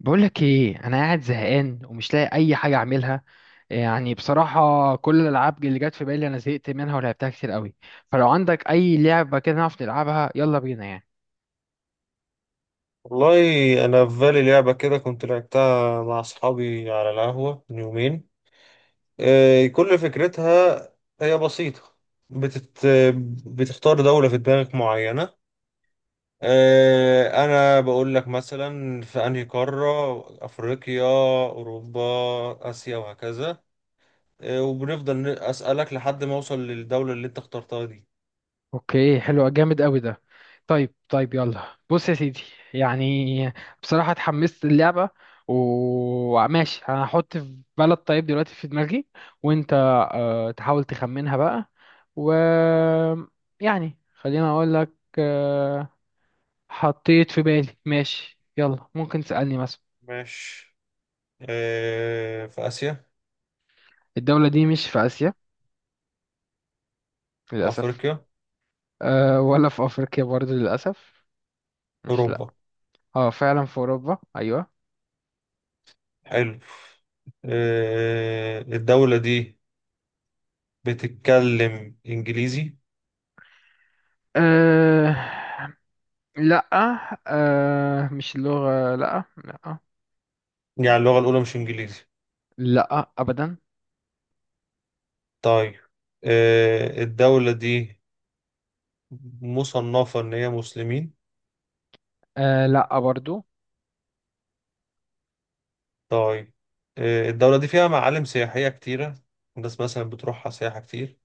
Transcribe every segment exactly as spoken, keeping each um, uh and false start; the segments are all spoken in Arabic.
بقولك ايه انا قاعد زهقان ومش لاقي اي حاجه اعملها. يعني بصراحه كل الالعاب اللي جت في بالي انا زهقت منها ولعبتها كتير قوي. فلو عندك اي لعبه كده نعرف نلعبها يلا بينا يعني. والله، انا في بالي لعبه كده كنت لعبتها مع اصحابي على القهوه من يومين. آه، كل فكرتها هي بسيطه. بتت... بتختار دوله في دماغك معينه. آه، انا بقول لك مثلا في انهي قاره؟ افريقيا، اوروبا، اسيا وهكذا. آه، وبنفضل ن- اسالك لحد ما اوصل للدوله اللي انت اخترتها دي. اوكي حلو جامد قوي ده. طيب طيب، يلا بص يا سيدي. يعني بصراحه اتحمست اللعبه، وماشي انا هحط في بلد طيب دلوقتي في دماغي، وانت آه، تحاول تخمنها بقى و يعني. خليني اقول لك، آه، حطيت في بالي، ماشي يلا ممكن تسألني مثلا. ماشي. آه، في اسيا؟ الدولة دي مش في آسيا في للأسف. افريقيا؟ أه، ولا في أفريقيا برضو للأسف. مش، لأ. اوروبا؟ اه فعلا في أوروبا، أيوة. حلو. آه، الدولة دي بتتكلم إنجليزي؟ أه، لأ. أه مش اللغة، لأ لأ. يعني اللغة الأولى مش إنجليزي؟ لأ أبدا. طيب. آه، الدولة دي مصنفة إن هي مسلمين؟ أه، لأ برضو. طيب. آه، الدولة دي فيها معالم سياحية كتيرة؟ الناس مثلا بتروحها سياحة كتير؟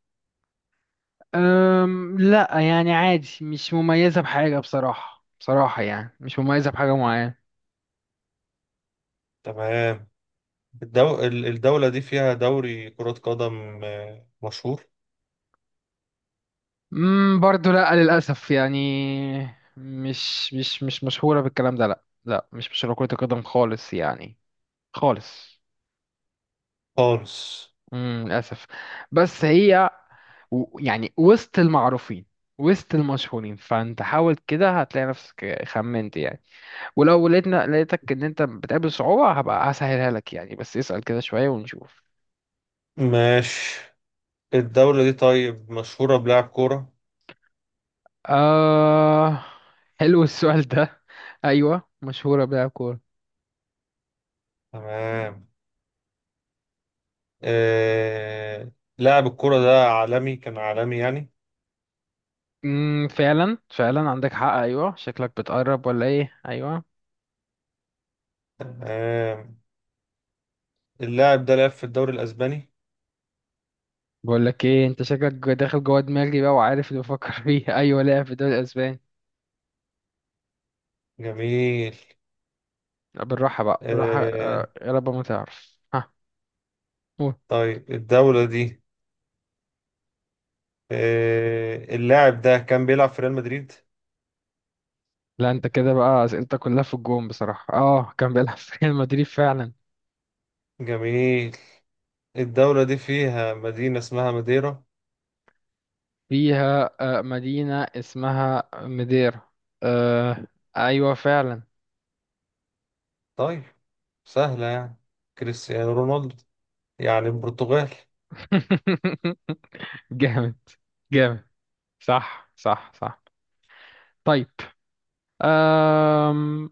أم لأ، يعني عادي مش مميزة بحاجة، بصراحة بصراحة يعني مش مميزة بحاجة معينة. تمام. الدو... ال- الدولة دي فيها دوري كرة قدم آه، مشهور؟ امم برضه لا للاسف يعني. مش مش مش مشهوره بالكلام ده، لا لا، مش مشهوره كره القدم خالص يعني. خالص. خالص. امم للاسف. بس هي و- يعني وسط المعروفين، وسط المشهورين، فانت حاول كده هتلاقي نفسك خمنت يعني. ولو لقيتنا لقيتك ان انت بتقابل صعوبة هبقى هسهلها لك يعني، بس اسأل كده شوية ونشوف. ماشي. الدولة دي طيب مشهورة بلعب كورة؟ آه، حلو السؤال ده. ايوه مشهورة بيها كورة. تمام. آه، لاعب الكرة ده عالمي، كان عالمي يعني. امم فعلا فعلا عندك حق، ايوه شكلك بتقرب ولا ايه؟ ايوه. آه، اللاعب ده لعب في الدوري الأسباني؟ بقول لك ايه، انت شكلك جو- داخل جوه دماغي بقى وعارف اللي بفكر فيه ايوه، لا في الدوري الاسباني. جميل. لا، بالراحه بقى بالراحه، آه، آه، يا رب ما تعرف، ها. قول. طيب الدولة دي، آه، اللاعب ده كان بيلعب في ريال مدريد؟ لا انت كده بقى اسئلتك كلها في الجون بصراحه، اه كان بيلعب في ريال مدريد فعلا. جميل. الدولة دي فيها مدينة اسمها ماديرا؟ فيها آه، مدينه اسمها مديرا. آه ايوه فعلا. طيب. سهلة يعني. كريستيانو رونالدو، يعني البرتغال. جامد جامد. صح صح صح. طيب. أم...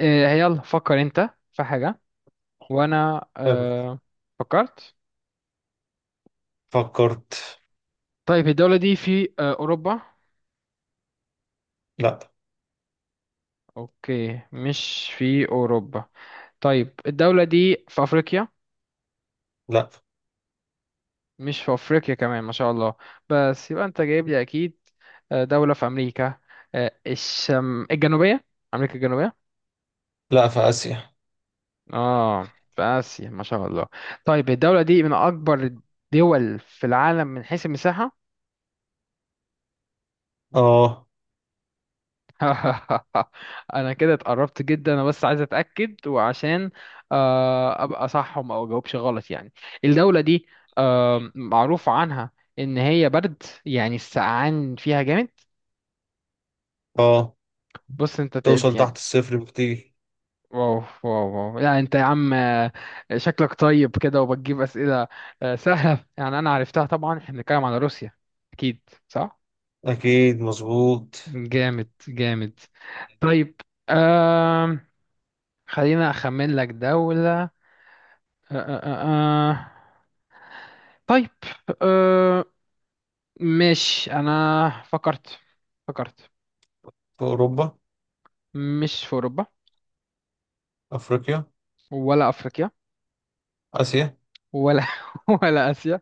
آه، يلا فكر انت في حاجة، وانا حلو. آه، فكرت. فكرت. طيب الدولة دي في آه، اوروبا؟ لا، اوكي مش في اوروبا. طيب الدولة دي في افريقيا؟ لا، مش في افريقيا كمان ما شاء الله. بس يبقى انت جايب لي اكيد آه، دولة في امريكا، آه، الشم الجنوبية، امريكا الجنوبية. لا. في آسيا. اه في اسيا ما شاء الله. طيب الدولة دي من اكبر الدول في العالم من حيث المساحة. اه، انا كده اتقربت جدا، انا بس عايز اتاكد وعشان آه، ابقى صح وما اجاوبش غلط يعني. الدوله دي آه، معروف عنها ان هي برد، يعني السقعان فيها جامد. اه. بص انت تقد توصل يعني. تحت الصفر بكتير. واو واو واو، لا انت يا عم، آه، شكلك طيب كده وبتجيب اسئله آه، سهله يعني، انا عرفتها طبعا، احنا بنتكلم على روسيا. اكيد صح. أكيد مظبوط. جامد جامد. طيب. آم، خلينا اخمن لك دوله. أه أه أه. آه. طيب. أه. ماشي أنا فكرت. فكرت. في أوروبا؟ مش في أوروبا. أفريقيا؟ ولا أفريقيا. آسيا؟ ولا ولا آسيا.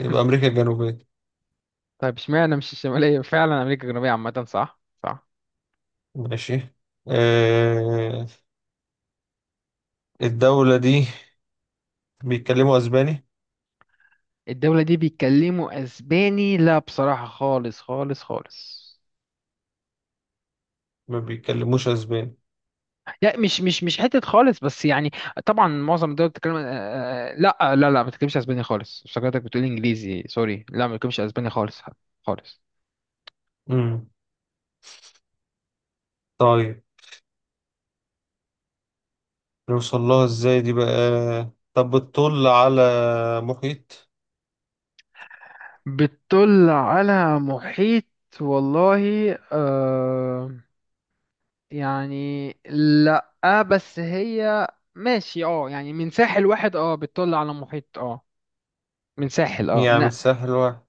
يبقى أمريكا الجنوبية. طيب اشمعنى مش الشمالية؟ فعلا أمريكا الجنوبية عامة، صح صح. ماشي. آه، الدولة دي بيتكلموا أسباني؟ الدولة دي بيتكلموا أسباني؟ لا بصراحة خالص خالص خالص. ما بيتكلموش أسباني. لا مش مش مش حتة خالص بس يعني. طبعا معظم الدول بتتكلم آه، آه، آه، لا، آه، لا لا ما بتتكلمش اسباني خالص، افتكرتك بتقول انجليزي، سوري، لا ما بتتكلمش اسباني خالص. خالص. مم. طيب. نوصل لها إزاي دي بقى؟ طب بتطل على محيط؟ بتطل على محيط؟ والله آه. يعني لأ. بس هي. ماشي اه يعني من ساحل واحد، اه بتطل على محيط اه. من ساحل اه يعني من. مش سهل واحد.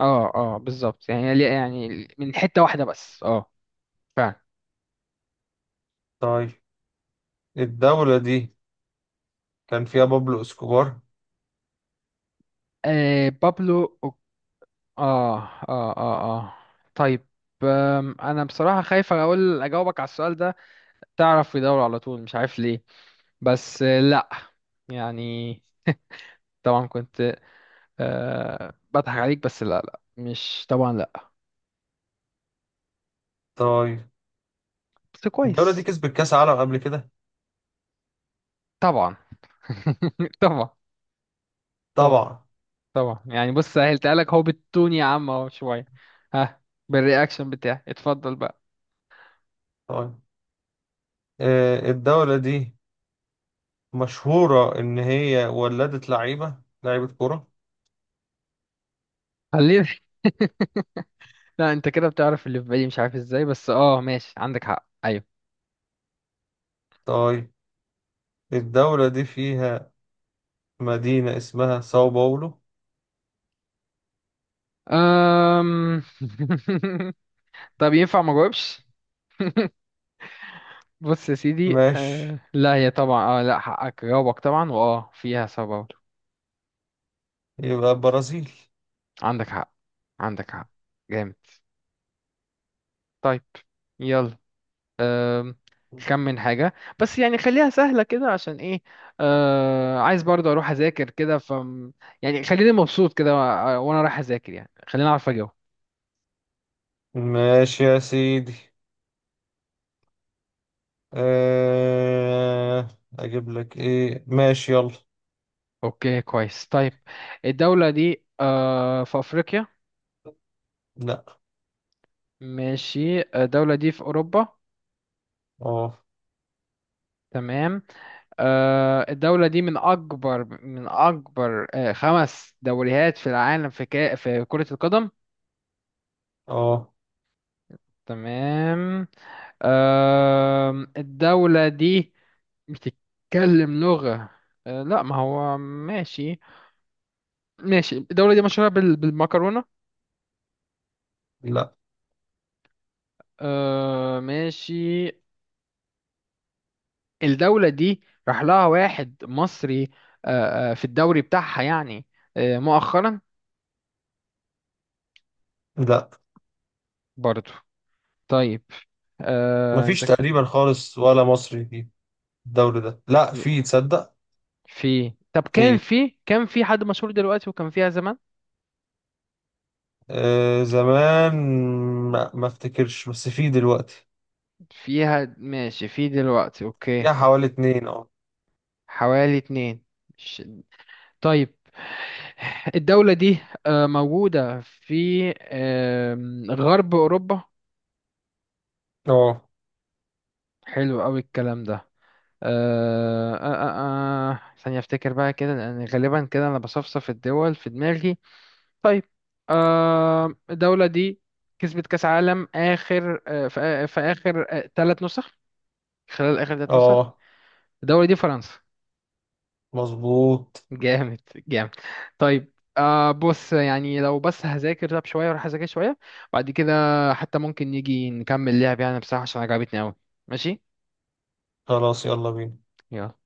اه اه بالظبط، يعني ليه- يعني من حتة واحدة بس اه. فعلا. طيب الدولة دي كان فيها بابلو اسكوبار؟ آه بابلو أو- اه اه اه. اه طيب. آم، انا بصراحة خايف اقول اجاوبك على السؤال ده، تعرف في دوري على طول مش عارف ليه، بس آه، لا يعني، طبعا كنت أه بضحك عليك، بس لا لا مش طبعا لا. طيب بس الدولة دي كويس. كسبت كأس عالم قبل كده؟ طبعا. طبعا. طبعا. طبعا. طبعا يعني بص سهلتها لك، هو بالتون يا عم اهو شوية. ها. بالرياكشن بتاعي اتفضل بقى. طيب، آه الدولة دي مشهورة إن هي ولدت لعيبة لعيبة كرة. خلينا. لا انت كده بتعرف اللي في بالي مش عارف ازاي، بس اه ماشي عندك حق ايوه. طيب الدولة دي فيها مدينة اسمها ساو باولو؟ أم... طب ينفع ما جاوبش؟ بص يا سيدي، ماشي. أه... لا هي طبعا اه، لا حقك جاوبك طبعا، واه فيها سبب. يبقى برازيل. عندك حق. عندك حق. جامد. طيب. يلا. أم، خمن حاجة، بس يعني خليها سهلة كده عشان ايه، آه عايز برضه اروح اذاكر كده ف يعني. خليني مبسوط كده وأ- وانا رايح اذاكر، يعني خليني اعرف اجاوب. ماشي يا سيدي. أه... أجيب لك إيه؟ ماشي، يلا. اوكي كويس طيب. الدولة دي آه في افريقيا؟ لا. ماشي الدولة دي في اوروبا؟ اه، تمام. آه الدولة دي من اكبر من اكبر آه خمس دوريات في العالم في كا... في كرة القدم؟ اه. تمام. أم، الدولة دي بتتكلم لغة أه، لا ما هو ماشي. ماشي الدولة دي مشهورة بال- بالمكرونة؟ لا، أه، ماشي. الدولة دي راح لها واحد مصري أه، أه، في الدوري بتاعها يعني، أه، مؤخرا؟ لا. برضو. طيب. أه، انت. مفيش تقريبا خالص ولا مصري في الدوري ده، لا، في تصدق. في، طب كان في، في كان في حد مشهور دلوقتي وكان فيها زمان. آه زمان، ما ما افتكرش، بس في دلوقتي فيها ماشي في دلوقتي، اوكي فيها اوكي. حوالي اتنين. اه، حوالي اتنين. مش. طيب. الدولة دي آه، موجودة في آم، غرب أوروبا. اه، حلو أوي الكلام ده. آه، آه، آه، آه، ثانية أفتكر بقى كده لأن غالبا كده أنا بصفصف الدول في دماغي. طيب. آه، الدولة دي كسبت كأس عالم آخر آه، في آ- في آخر ثلاث نسخ، خلال آخر ثلاث نسخ. اه. الدولة دي فرنسا. مظبوط. جامد جامد. طيب. آه بص يعني لو بس هذاكر راب شوية وراح أذاكر شوية بعد كده، حتى ممكن نيجي نكمل لعب يعني بصراحة عشان عجبتني أوي. ماشي. خلاص، يلا بينا. يلا.